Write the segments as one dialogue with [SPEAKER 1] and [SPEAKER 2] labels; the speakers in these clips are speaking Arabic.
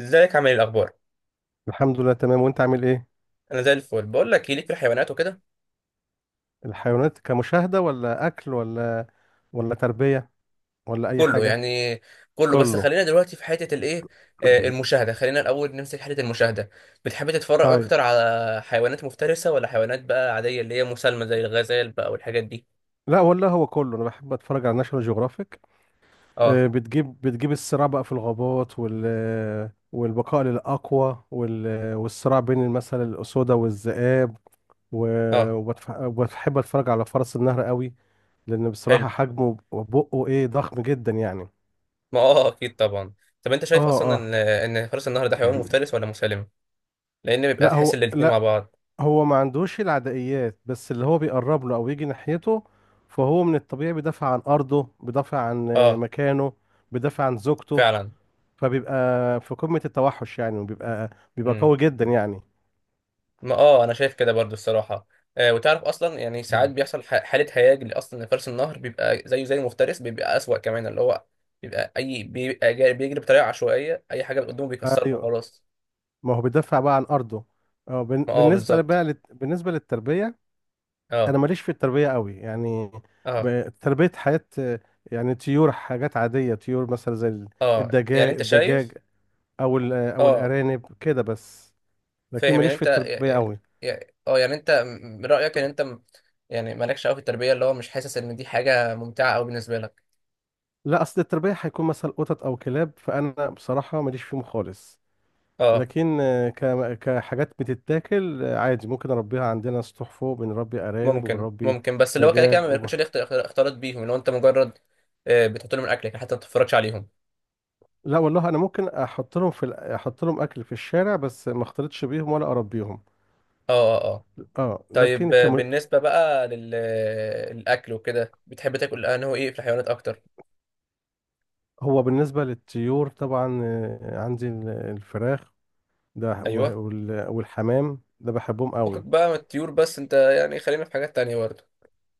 [SPEAKER 1] ازيك عامل ايه الاخبار؟
[SPEAKER 2] الحمد لله، تمام، وانت عامل ايه؟
[SPEAKER 1] انا زي الفل، بقول لك إيه، ليك في الحيوانات وكده.
[SPEAKER 2] الحيوانات كمشاهدة ولا اكل ولا تربية ولا اي
[SPEAKER 1] كله
[SPEAKER 2] حاجة؟
[SPEAKER 1] يعني. كله، بس
[SPEAKER 2] كله.
[SPEAKER 1] خلينا دلوقتي في حته الايه. آه، المشاهده، خلينا الاول نمسك حته المشاهده. بتحب تتفرج
[SPEAKER 2] طيب.
[SPEAKER 1] اكتر على حيوانات مفترسه ولا حيوانات بقى عاديه اللي هي مسالمه زي الغزال بقى والحاجات دي؟
[SPEAKER 2] لا والله، هو كله، انا بحب اتفرج على ناشونال جيوغرافيك.
[SPEAKER 1] اه،
[SPEAKER 2] بتجيب الصراع بقى في الغابات والبقاء للاقوى والصراع بين مثلا الاسودة والذئاب، و...
[SPEAKER 1] اه.
[SPEAKER 2] وبحب اتفرج على فرس النهر قوي، لان
[SPEAKER 1] حلو.
[SPEAKER 2] بصراحة حجمه وبقه ايه ضخم جدا يعني.
[SPEAKER 1] ما اه، اكيد طبعا. طب، انت
[SPEAKER 2] اه،
[SPEAKER 1] شايف اصلا
[SPEAKER 2] اه.
[SPEAKER 1] ان فرس النهر ده حيوان مفترس ولا مسالم؟ لان بيبقى
[SPEAKER 2] لا،
[SPEAKER 1] تحس
[SPEAKER 2] هو
[SPEAKER 1] ان الاتنين مع
[SPEAKER 2] لا،
[SPEAKER 1] بعض.
[SPEAKER 2] هو ما عندوش العدائيات، بس اللي هو بيقرب له او يجي ناحيته فهو من الطبيعي بيدافع عن ارضه، بيدافع عن
[SPEAKER 1] اه،
[SPEAKER 2] مكانه، بيدافع عن زوجته.
[SPEAKER 1] فعلا.
[SPEAKER 2] فبيبقى في قمة التوحش يعني، وبيبقى قوي جدا يعني.
[SPEAKER 1] ما اه، انا شايف كده برضو الصراحه. آه، وتعرف اصلا يعني ساعات
[SPEAKER 2] مم.
[SPEAKER 1] بيحصل حاله هياج اللي اصلا لفرس النهر بيبقى زيه زي المفترس، بيبقى اسوأ كمان، اللي هو بيبقى اي بيبقى بيجري بطريقه عشوائيه، اي حاجه قدامه بيكسرها
[SPEAKER 2] ايوه.
[SPEAKER 1] وخلاص.
[SPEAKER 2] ما هو بيدافع بقى عن ارضه.
[SPEAKER 1] ما اه، بالظبط.
[SPEAKER 2] بالنسبه للتربيه، انا
[SPEAKER 1] اه،
[SPEAKER 2] ماليش في التربيه قوي يعني.
[SPEAKER 1] اه،
[SPEAKER 2] تربيه حياه، يعني طيور، حاجات عاديه، طيور مثلا زي
[SPEAKER 1] اه، يعني
[SPEAKER 2] الدجاج
[SPEAKER 1] انت شايف.
[SPEAKER 2] الدجاج او
[SPEAKER 1] اه،
[SPEAKER 2] الارانب كده بس. لكن
[SPEAKER 1] فاهم، يعني
[SPEAKER 2] ماليش في
[SPEAKER 1] انت
[SPEAKER 2] التربية قوي.
[SPEAKER 1] يعني انت من رايك ان انت يعني مالكش قوي في التربيه، اللي هو مش حاسس ان دي حاجه ممتعه قوي بالنسبه لك؟
[SPEAKER 2] لا، اصل التربية هيكون مثلا قطط او كلاب، فانا بصراحة ماليش فيهم خالص.
[SPEAKER 1] اه،
[SPEAKER 2] لكن كحاجات بتتاكل، عادي ممكن اربيها، عندنا سطوح فوق بنربي ارانب
[SPEAKER 1] ممكن
[SPEAKER 2] وبنربي
[SPEAKER 1] ممكن، بس اللي هو كده كده
[SPEAKER 2] دجاج
[SPEAKER 1] ما
[SPEAKER 2] وب...
[SPEAKER 1] بياكلش ليه اختلاط بيهم، اللي هو انت مجرد آه، بتحط لهم الاكل لكن حتى ما بتتفرجش عليهم.
[SPEAKER 2] لا والله، انا ممكن احط لهم في احط لهم اكل في الشارع، بس ما اختلطش بيهم ولا اربيهم.
[SPEAKER 1] اه، اه، اه،
[SPEAKER 2] اه،
[SPEAKER 1] طيب، آه، بالنسبه بقى للاكل وكده، بتحب تاكل انه ايه في الحيوانات اكتر؟
[SPEAKER 2] هو بالنسبة للطيور طبعا، عندي الفراخ ده
[SPEAKER 1] ايوه،
[SPEAKER 2] والحمام ده بحبهم
[SPEAKER 1] فكك
[SPEAKER 2] قوي.
[SPEAKER 1] بقى من الطيور، بس انت يعني خلينا في حاجات تانية برضه.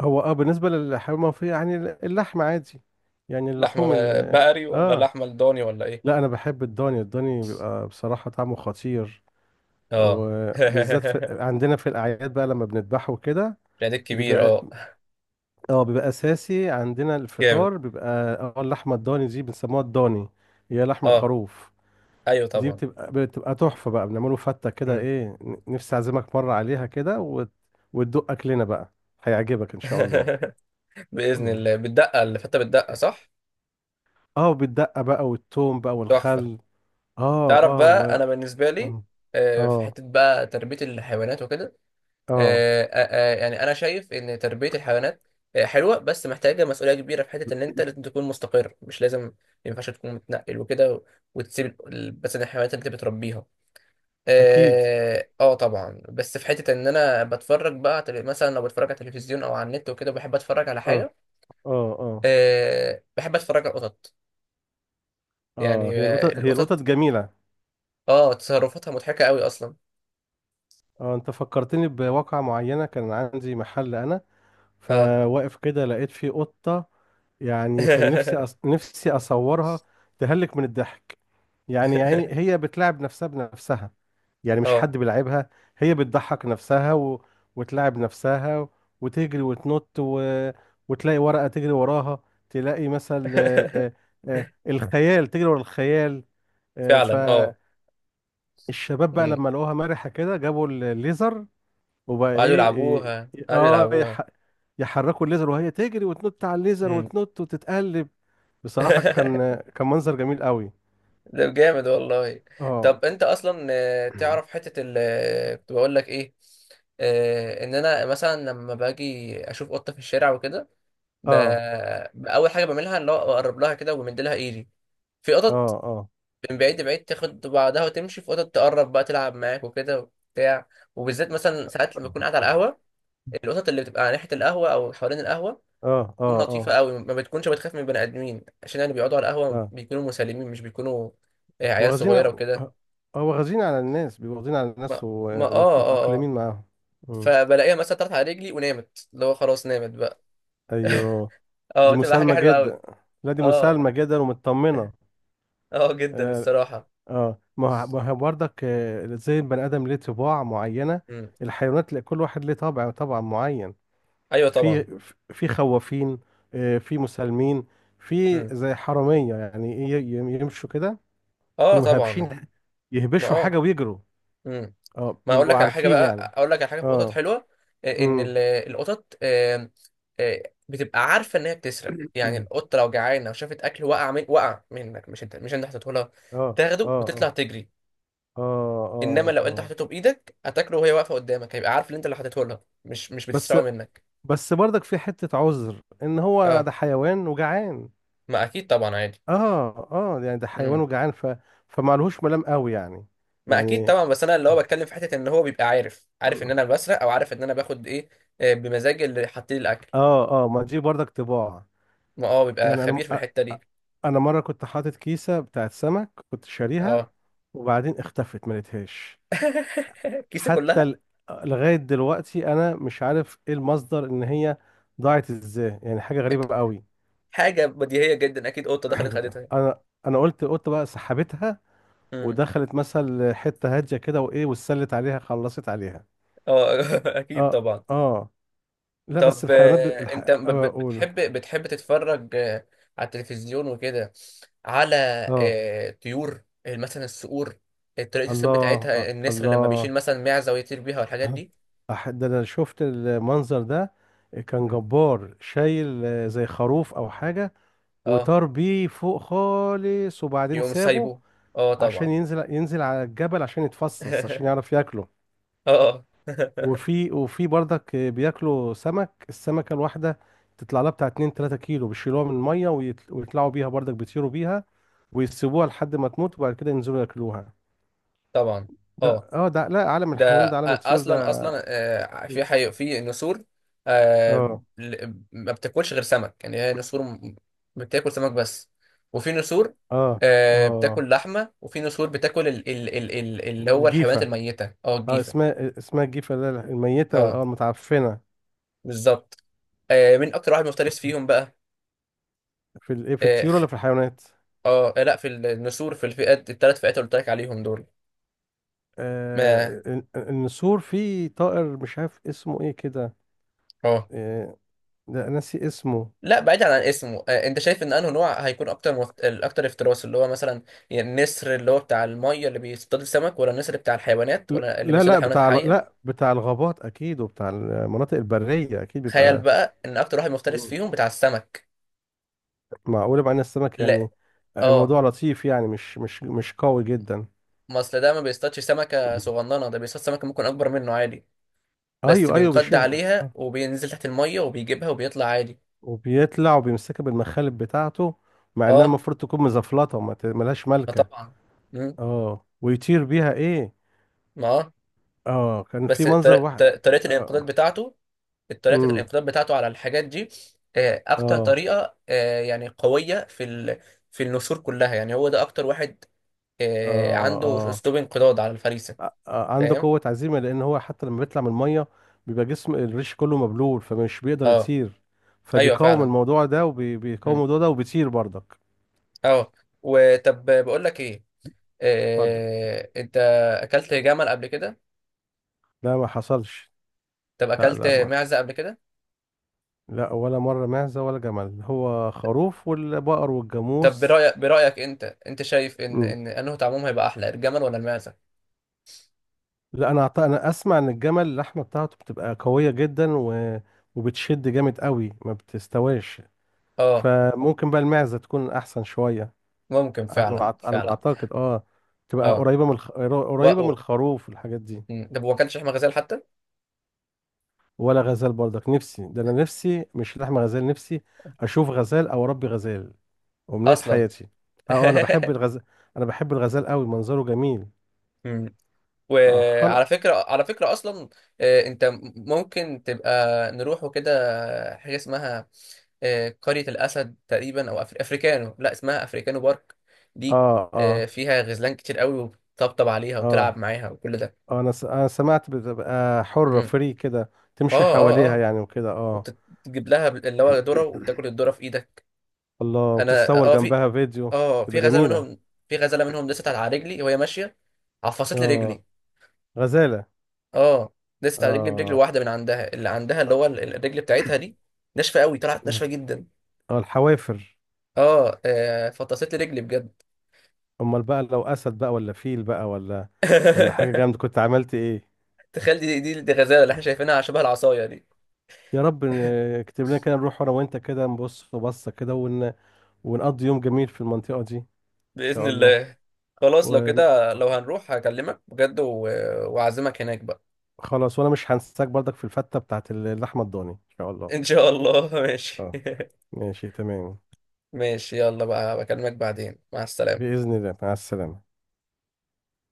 [SPEAKER 2] هو بالنسبة للحيوان المنفية يعني اللحم عادي، يعني
[SPEAKER 1] لحمه،
[SPEAKER 2] اللحوم.
[SPEAKER 1] بقري ولا
[SPEAKER 2] اه،
[SPEAKER 1] لحمه لضاني ولا ايه؟
[SPEAKER 2] لا، انا بحب الضاني، الضاني بيبقى بصراحة طعمه خطير،
[SPEAKER 1] اه.
[SPEAKER 2] وبالذات عندنا في الاعياد بقى لما بنذبحه وكده.
[SPEAKER 1] العيد الكبير،
[SPEAKER 2] بيبقى
[SPEAKER 1] اه.
[SPEAKER 2] اه بيبقى اساسي عندنا
[SPEAKER 1] جامد.
[SPEAKER 2] الفطار بيبقى. اه اللحمة الضاني دي بنسموها الضاني، هي لحم
[SPEAKER 1] اه،
[SPEAKER 2] الخروف.
[SPEAKER 1] ايوه
[SPEAKER 2] دي
[SPEAKER 1] طبعا.
[SPEAKER 2] بتبقى تحفة بقى، بنعمله فتة كده،
[SPEAKER 1] مم.
[SPEAKER 2] ايه نفسي اعزمك مرة عليها كده، وتدوق اكلنا بقى، هيعجبك ان شاء الله.
[SPEAKER 1] باذن الله، بتدقق اللي فته بتدقق صح؟
[SPEAKER 2] اه بالدقة بقى والثوم بقى
[SPEAKER 1] تحفه.
[SPEAKER 2] والخل. اه،
[SPEAKER 1] تعرف
[SPEAKER 2] اه، و،
[SPEAKER 1] بقى، انا بالنسبه لي
[SPEAKER 2] اه،
[SPEAKER 1] في
[SPEAKER 2] اه،
[SPEAKER 1] حته بقى تربيه الحيوانات وكده.
[SPEAKER 2] آه،
[SPEAKER 1] يعني انا شايف ان تربيه الحيوانات حلوه، بس محتاجه مسؤوليه كبيره في حته ان انت لازم تكون مستقر، مش لازم ما ينفعش تكون متنقل وكده وتسيب مثلا الحيوانات اللي انت بتربيها.
[SPEAKER 2] اكيد،
[SPEAKER 1] اه، آه طبعا، بس في حته ان انا بتفرج بقى على مثلا لو بتفرج على التلفزيون او على النت وكده، بحب اتفرج على
[SPEAKER 2] اه،
[SPEAKER 1] حاجه.
[SPEAKER 2] اه، اه،
[SPEAKER 1] أه، بحب اتفرج على القطط.
[SPEAKER 2] اه.
[SPEAKER 1] يعني
[SPEAKER 2] هي القطط هي القطط
[SPEAKER 1] القطط،
[SPEAKER 2] جميلة.
[SPEAKER 1] اه تصرفاتها مضحكه قوي اصلا.
[SPEAKER 2] اه انت فكرتني بواقعة معينة، كان عندي محل انا،
[SPEAKER 1] اه.
[SPEAKER 2] فواقف كده لقيت فيه قطة. يعني كان نفسي اصورها، تهلك من الضحك. يعني هي بتلعب نفسها بنفسها، يعني مش
[SPEAKER 1] اه.
[SPEAKER 2] حد بيلعبها، هي بتضحك نفسها، وتلعب نفسها، وتجري وتنط، وتلاقي ورقة تجري وراها، تلاقي مثل الخيال، تجري ورا الخيال. آه،
[SPEAKER 1] فعلا، اه.
[SPEAKER 2] فالشباب بقى
[SPEAKER 1] أمم.
[SPEAKER 2] لما لقوها مرحة كده جابوا الليزر وبقى
[SPEAKER 1] وقعدوا
[SPEAKER 2] ايه،
[SPEAKER 1] يلعبوها،
[SPEAKER 2] إيه-
[SPEAKER 1] قعدوا
[SPEAKER 2] اه
[SPEAKER 1] يلعبوها.
[SPEAKER 2] يح... يحركوا الليزر وهي تجري وتنط على الليزر
[SPEAKER 1] أمم.
[SPEAKER 2] وتنط وتتقلب. بصراحة كان كان منظر جميل قوي.
[SPEAKER 1] ده جامد والله.
[SPEAKER 2] اه.
[SPEAKER 1] طب، انت اصلا تعرف حتة ال آه، كنت بقول لك ايه. ان انا مثلا لما باجي اشوف قطة في الشارع وكده، ب...
[SPEAKER 2] اه،
[SPEAKER 1] اول حاجة بعملها اللي هو اقرب لها كده ومد لها ايدي. في
[SPEAKER 2] اه،
[SPEAKER 1] قطط
[SPEAKER 2] اه،
[SPEAKER 1] من بعيد لبعيد تاخد بعضها وتمشي، في قطط تقرب بقى تلعب معاك وكده وبتاع. وبالذات مثلا ساعات لما بكون قاعد على القهوة، القطط اللي بتبقى على ناحية القهوة او حوالين القهوة
[SPEAKER 2] اه،
[SPEAKER 1] بتكون
[SPEAKER 2] اه،
[SPEAKER 1] لطيفة
[SPEAKER 2] اه،
[SPEAKER 1] قوي، ما بتكونش بتخاف من بني آدمين، عشان يعني بيقعدوا على القهوة
[SPEAKER 2] اه.
[SPEAKER 1] بيكونوا مسالمين، مش بيكونوا عيال
[SPEAKER 2] واخدين
[SPEAKER 1] صغيرة
[SPEAKER 2] هو
[SPEAKER 1] وكده.
[SPEAKER 2] واخدين على الناس، بيبقوا واخدين على الناس
[SPEAKER 1] ما ما اه اه اه
[SPEAKER 2] ومتأقلمين معاهم. مم.
[SPEAKER 1] فبلاقيها مثلا طلعت على رجلي ونامت، اللي هو خلاص نامت بقى.
[SPEAKER 2] ايوه.
[SPEAKER 1] اه،
[SPEAKER 2] دي
[SPEAKER 1] تبقى حاجة
[SPEAKER 2] مسالمة
[SPEAKER 1] حلوة
[SPEAKER 2] جدا.
[SPEAKER 1] قوي.
[SPEAKER 2] لا، دي
[SPEAKER 1] اه،
[SPEAKER 2] مسالمة جدا ومطمنة.
[SPEAKER 1] اه جدا
[SPEAKER 2] اه،
[SPEAKER 1] الصراحة.
[SPEAKER 2] آه. ما هو برضك زي البني آدم ليه طباع معينة،
[SPEAKER 1] مم.
[SPEAKER 2] الحيوانات كل واحد ليه طبع معين.
[SPEAKER 1] ايوه طبعا.
[SPEAKER 2] في في خوافين، في مسالمين، في
[SPEAKER 1] مم.
[SPEAKER 2] زي حرامية، يعني إيه، يمشوا كده،
[SPEAKER 1] اه
[SPEAKER 2] يقوموا
[SPEAKER 1] طبعا.
[SPEAKER 2] هابشين،
[SPEAKER 1] ما
[SPEAKER 2] يهبشوا حاجة
[SPEAKER 1] اه.
[SPEAKER 2] ويجروا.
[SPEAKER 1] مم.
[SPEAKER 2] اه،
[SPEAKER 1] ما اقول
[SPEAKER 2] بيبقوا
[SPEAKER 1] لك على حاجه
[SPEAKER 2] عارفين
[SPEAKER 1] بقى،
[SPEAKER 2] يعني.
[SPEAKER 1] اقول لك على حاجه في القطط
[SPEAKER 2] اه،
[SPEAKER 1] حلوه. ان
[SPEAKER 2] امم.
[SPEAKER 1] القطط آه، بتبقى عارفه ان هي بتسرق، يعني القطه لو جعانه وشافت اكل وقع منك، مش انت حطيته لها،
[SPEAKER 2] اه،
[SPEAKER 1] تاخده
[SPEAKER 2] اه،
[SPEAKER 1] وتطلع
[SPEAKER 2] اه،
[SPEAKER 1] تجري.
[SPEAKER 2] اه، اه،
[SPEAKER 1] انما لو انت
[SPEAKER 2] اه.
[SPEAKER 1] حطيته بايدك هتاكله وهي واقفه قدامك، هيبقى عارف ان انت اللي حطيته لها مش
[SPEAKER 2] بس
[SPEAKER 1] بتسرقه منك.
[SPEAKER 2] بس برضك في حتة عذر ان هو ده
[SPEAKER 1] اه،
[SPEAKER 2] حيوان وجعان.
[SPEAKER 1] ما اكيد طبعا عادي.
[SPEAKER 2] اه، اه، يعني ده حيوان
[SPEAKER 1] امم.
[SPEAKER 2] وجعان، فمعلهوش ملام قوي يعني.
[SPEAKER 1] ما اكيد
[SPEAKER 2] يعني
[SPEAKER 1] طبعا، بس انا اللي هو بتكلم في حته ان هو بيبقى عارف ان انا بسرق، او عارف ان انا باخد ايه، بمزاجي اللي حاطين لي الاكل.
[SPEAKER 2] اه اه ما دي برضك طباع
[SPEAKER 1] ما اه، بيبقى
[SPEAKER 2] يعني
[SPEAKER 1] خبير في الحته
[SPEAKER 2] أ-
[SPEAKER 1] دي.
[SPEAKER 2] انا مره كنت حاطط كيسه بتاعت سمك كنت شاريها،
[SPEAKER 1] اه،
[SPEAKER 2] وبعدين اختفت ما لقيتهاش.
[SPEAKER 1] الكيسه
[SPEAKER 2] حتى
[SPEAKER 1] كلها؟
[SPEAKER 2] ال- لغايه دلوقتي انا مش عارف ايه المصدر ان هي ضاعت ازاي، يعني حاجه
[SPEAKER 1] أك-
[SPEAKER 2] غريبه قوي.
[SPEAKER 1] حاجه بديهيه جدا، اكيد قطه دخلت خدتها.
[SPEAKER 2] انا انا قلت بقى سحبتها
[SPEAKER 1] امم.
[SPEAKER 2] ودخلت مثلا حته هاديه كده، وايه واتسلت عليها خلصت عليها.
[SPEAKER 1] اه. اكيد
[SPEAKER 2] اه،
[SPEAKER 1] طبعا.
[SPEAKER 2] اه، لا، بس
[SPEAKER 1] طب
[SPEAKER 2] الحيوانات
[SPEAKER 1] انت ب- ب-
[SPEAKER 2] اقول.
[SPEAKER 1] بتحب بتحب تتفرج على التلفزيون وكده، على
[SPEAKER 2] اه،
[SPEAKER 1] طيور مثلا الصقور، طريقه
[SPEAKER 2] الله.
[SPEAKER 1] الصيد بتاعتها، النسر لما
[SPEAKER 2] الله.
[SPEAKER 1] بيشيل مثلا معزه ويطير بيها والحاجات
[SPEAKER 2] اه،
[SPEAKER 1] دي؟
[SPEAKER 2] ده انا شفت المنظر ده، كان
[SPEAKER 1] مم.
[SPEAKER 2] جبار شايل زي خروف او حاجه،
[SPEAKER 1] اه،
[SPEAKER 2] وطار بيه فوق خالص وبعدين
[SPEAKER 1] يقوم
[SPEAKER 2] سابه،
[SPEAKER 1] سايبه، اه
[SPEAKER 2] عشان
[SPEAKER 1] طبعا.
[SPEAKER 2] ينزل على الجبل عشان يتفصص عشان يعرف ياكله.
[SPEAKER 1] اه.
[SPEAKER 2] وفي برضك بياكلوا سمك، السمكه الواحده تطلع لها بتاع 2 3 كيلو بيشيلوها من الميه ويطلعوا بيها برضك بيطيروا بيها، ويسيبوها لحد ما تموت وبعد كده ينزلوا ياكلوها.
[SPEAKER 1] طبعا،
[SPEAKER 2] ده
[SPEAKER 1] اه.
[SPEAKER 2] اه ده لا، عالم الحيوان
[SPEAKER 1] ده
[SPEAKER 2] ده، عالم الطيور
[SPEAKER 1] اصلا
[SPEAKER 2] ده.
[SPEAKER 1] اصلا في نسور آه،
[SPEAKER 2] اه،
[SPEAKER 1] ما بتاكلش غير سمك، يعني هي نسور بتاكل سمك بس. وفي نسور
[SPEAKER 2] اه، اه،
[SPEAKER 1] بتاكل لحمه، وفي نسور بتاكل اللي هو الحيوانات
[SPEAKER 2] جيفة.
[SPEAKER 1] الميته،
[SPEAKER 2] اه
[SPEAKER 1] الجيفه.
[SPEAKER 2] اسمها الجيفة، اللي هي الميتة
[SPEAKER 1] اه،
[SPEAKER 2] المتعفنة.
[SPEAKER 1] بالظبط. مين اكتر واحد مفترس فيهم بقى؟
[SPEAKER 2] في
[SPEAKER 1] اه،
[SPEAKER 2] الطيور ولا في الحيوانات؟
[SPEAKER 1] لا، في النسور، في الفئات الثلاث فئات اللي قلت لك عليهم دول. ما
[SPEAKER 2] آه النسور، في طائر مش عارف اسمه ايه كده.
[SPEAKER 1] اه.
[SPEAKER 2] آه لا، ناسي اسمه.
[SPEAKER 1] لا بعيد عن اسمه، انت شايف ان انه نوع هيكون اكتر الاكتر افتراس اللي هو مثلا، يعني النسر اللي هو بتاع الميه اللي بيصطاد السمك، ولا النسر بتاع الحيوانات،
[SPEAKER 2] لا،
[SPEAKER 1] ولا اللي
[SPEAKER 2] لا،
[SPEAKER 1] بيصطاد
[SPEAKER 2] لا،
[SPEAKER 1] الحيوانات الحيه؟
[SPEAKER 2] لا بتاع الغابات اكيد، وبتاع المناطق البرية اكيد
[SPEAKER 1] تخيل
[SPEAKER 2] بيبقى.
[SPEAKER 1] بقى، ان اكتر واحد مفترس
[SPEAKER 2] مم.
[SPEAKER 1] فيهم بتاع السمك.
[SPEAKER 2] معقول بقى ان السمك يعني،
[SPEAKER 1] لا. اه.
[SPEAKER 2] موضوع لطيف يعني، مش قوي جدا.
[SPEAKER 1] ما اصل ده ما بيصطادش سمكه صغننه، ده بيصطاد سمكه ممكن اكبر منه عادي. بس
[SPEAKER 2] ايوه، ايوه،
[SPEAKER 1] بينقض
[SPEAKER 2] بيشيل
[SPEAKER 1] عليها وبينزل تحت الميه وبيجيبها وبيطلع عادي.
[SPEAKER 2] وبيطلع وبيمسكها بالمخالب بتاعته، مع انها
[SPEAKER 1] اه،
[SPEAKER 2] المفروض تكون مزفلطه، ملهاش
[SPEAKER 1] ما
[SPEAKER 2] ملكه.
[SPEAKER 1] طبعا. مم،
[SPEAKER 2] اه، ويطير بيها ايه.
[SPEAKER 1] ما آه.
[SPEAKER 2] اه، كان في
[SPEAKER 1] بس
[SPEAKER 2] منظر واحد ك- اه
[SPEAKER 1] طريقه
[SPEAKER 2] امم.
[SPEAKER 1] الانقضاض بتاعته على الحاجات دي، اكتر
[SPEAKER 2] اه،
[SPEAKER 1] طريقه يعني قويه في في النسور كلها، يعني هو ده اكتر واحد
[SPEAKER 2] اه،
[SPEAKER 1] عنده
[SPEAKER 2] اه،
[SPEAKER 1] اسلوب انقضاض على الفريسه.
[SPEAKER 2] آ- آ- عنده
[SPEAKER 1] فاهم.
[SPEAKER 2] قوه عزيمه، لان هو حتى لما بيطلع من الميه بيبقى جسم الريش كله مبلول، فمش بيقدر
[SPEAKER 1] اه،
[SPEAKER 2] يطير،
[SPEAKER 1] ايوه
[SPEAKER 2] فبيقاوم
[SPEAKER 1] فعلا.
[SPEAKER 2] الموضوع ده وبيقاوم
[SPEAKER 1] مم.
[SPEAKER 2] الموضوع ده وبيطير برضك.
[SPEAKER 1] اه. وطب بقول لك ايه،
[SPEAKER 2] اتفضل.
[SPEAKER 1] انت اكلت جمل قبل كده؟
[SPEAKER 2] لا، ما حصلش.
[SPEAKER 1] طب،
[SPEAKER 2] لا،
[SPEAKER 1] اكلت
[SPEAKER 2] لا، ما،
[SPEAKER 1] معزه قبل كده؟
[SPEAKER 2] لا، ولا مره معزه ولا جمل، هو خروف والبقر
[SPEAKER 1] طب،
[SPEAKER 2] والجاموس.
[SPEAKER 1] برأيك انت شايف ان انه طعمهم هيبقى احلى، الجمل ولا المعزه؟
[SPEAKER 2] لا، انا اسمع ان الجمل اللحمه بتاعته بتبقى قويه جدا، وبتشد جامد قوي ما بتستواش،
[SPEAKER 1] اه،
[SPEAKER 2] فممكن بقى المعزه تكون احسن شويه.
[SPEAKER 1] ممكن فعلا
[SPEAKER 2] على ما
[SPEAKER 1] فعلا.
[SPEAKER 2] اعتقد اه، تبقى
[SPEAKER 1] اه،
[SPEAKER 2] قريبه من
[SPEAKER 1] و...
[SPEAKER 2] قريبه من
[SPEAKER 1] و...
[SPEAKER 2] الخروف والحاجات دي.
[SPEAKER 1] مم. طب، ما اكلتش لحمه غزال حتى؟
[SPEAKER 2] ولا غزال برضك، نفسي ده، انا نفسي مش لحم غزال، نفسي اشوف غزال او اربي غزال، امنيه
[SPEAKER 1] اصلا.
[SPEAKER 2] حياتي. اه، انا بحب الغزال، انا بحب الغزال قوي منظره جميل.
[SPEAKER 1] مم.
[SPEAKER 2] اه، خلق.
[SPEAKER 1] وعلى فكره على فكره اصلا، انت ممكن تبقى نروح وكده، حاجه اسمها قريه الاسد تقريبا، او افريكانو، لا اسمها افريكانو بارك دي.
[SPEAKER 2] اه، اه،
[SPEAKER 1] فيها غزلان كتير قوي، وتطبطب عليها
[SPEAKER 2] اه،
[SPEAKER 1] وتلعب معاها وكل ده.
[SPEAKER 2] اه، انا سمعت بتبقى حرة
[SPEAKER 1] مم.
[SPEAKER 2] فري كده
[SPEAKER 1] اه،
[SPEAKER 2] تمشي
[SPEAKER 1] اه،
[SPEAKER 2] حواليها
[SPEAKER 1] اه،
[SPEAKER 2] يعني وكده اه.
[SPEAKER 1] وتجيب لها اللي هو ذره وبتاكل الذره في ايدك.
[SPEAKER 2] الله،
[SPEAKER 1] انا
[SPEAKER 2] وتتصور جنبها فيديو،
[SPEAKER 1] في
[SPEAKER 2] تبقى
[SPEAKER 1] غزاله
[SPEAKER 2] جميلة.
[SPEAKER 1] منهم، في غزاله منهم لسه على رجلي وهي ماشيه، عفصت لي
[SPEAKER 2] اه،
[SPEAKER 1] رجلي.
[SPEAKER 2] غزالة.
[SPEAKER 1] اه، دست على رجلي برجل
[SPEAKER 2] اه.
[SPEAKER 1] واحده من عندها، اللي عندها اللي هو الرجل بتاعتها دي، ناشفه قوي، طلعت
[SPEAKER 2] اه،
[SPEAKER 1] ناشفه جدا.
[SPEAKER 2] الحوافر.
[SPEAKER 1] فطست لي رجلي بجد.
[SPEAKER 2] امال بقى لو اسد بقى ولا فيل بقى، ولا حاجة جامدة كنت عملت ايه؟
[SPEAKER 1] تخيل، دي غزاله اللي احنا شايفينها شبه العصايه دي.
[SPEAKER 2] يا رب، اكتب لنا كده نروح انا وانت كده نبص بصة كده، ونقضي يوم جميل في المنطقة دي ان
[SPEAKER 1] باذن
[SPEAKER 2] شاء الله.
[SPEAKER 1] الله. خلاص، لو كده لو هنروح هكلمك بجد واعزمك هناك بقى.
[SPEAKER 2] وخلاص، وانا مش هنساك برضك في الفتة بتاعت اللحمة الضاني ان شاء الله.
[SPEAKER 1] ان شاء الله. ماشي.
[SPEAKER 2] اه، ماشي تمام.
[SPEAKER 1] ماشي، يلا بقى، بكلمك بعدين، مع السلامه.
[SPEAKER 2] بإذن الله، مع السلامة.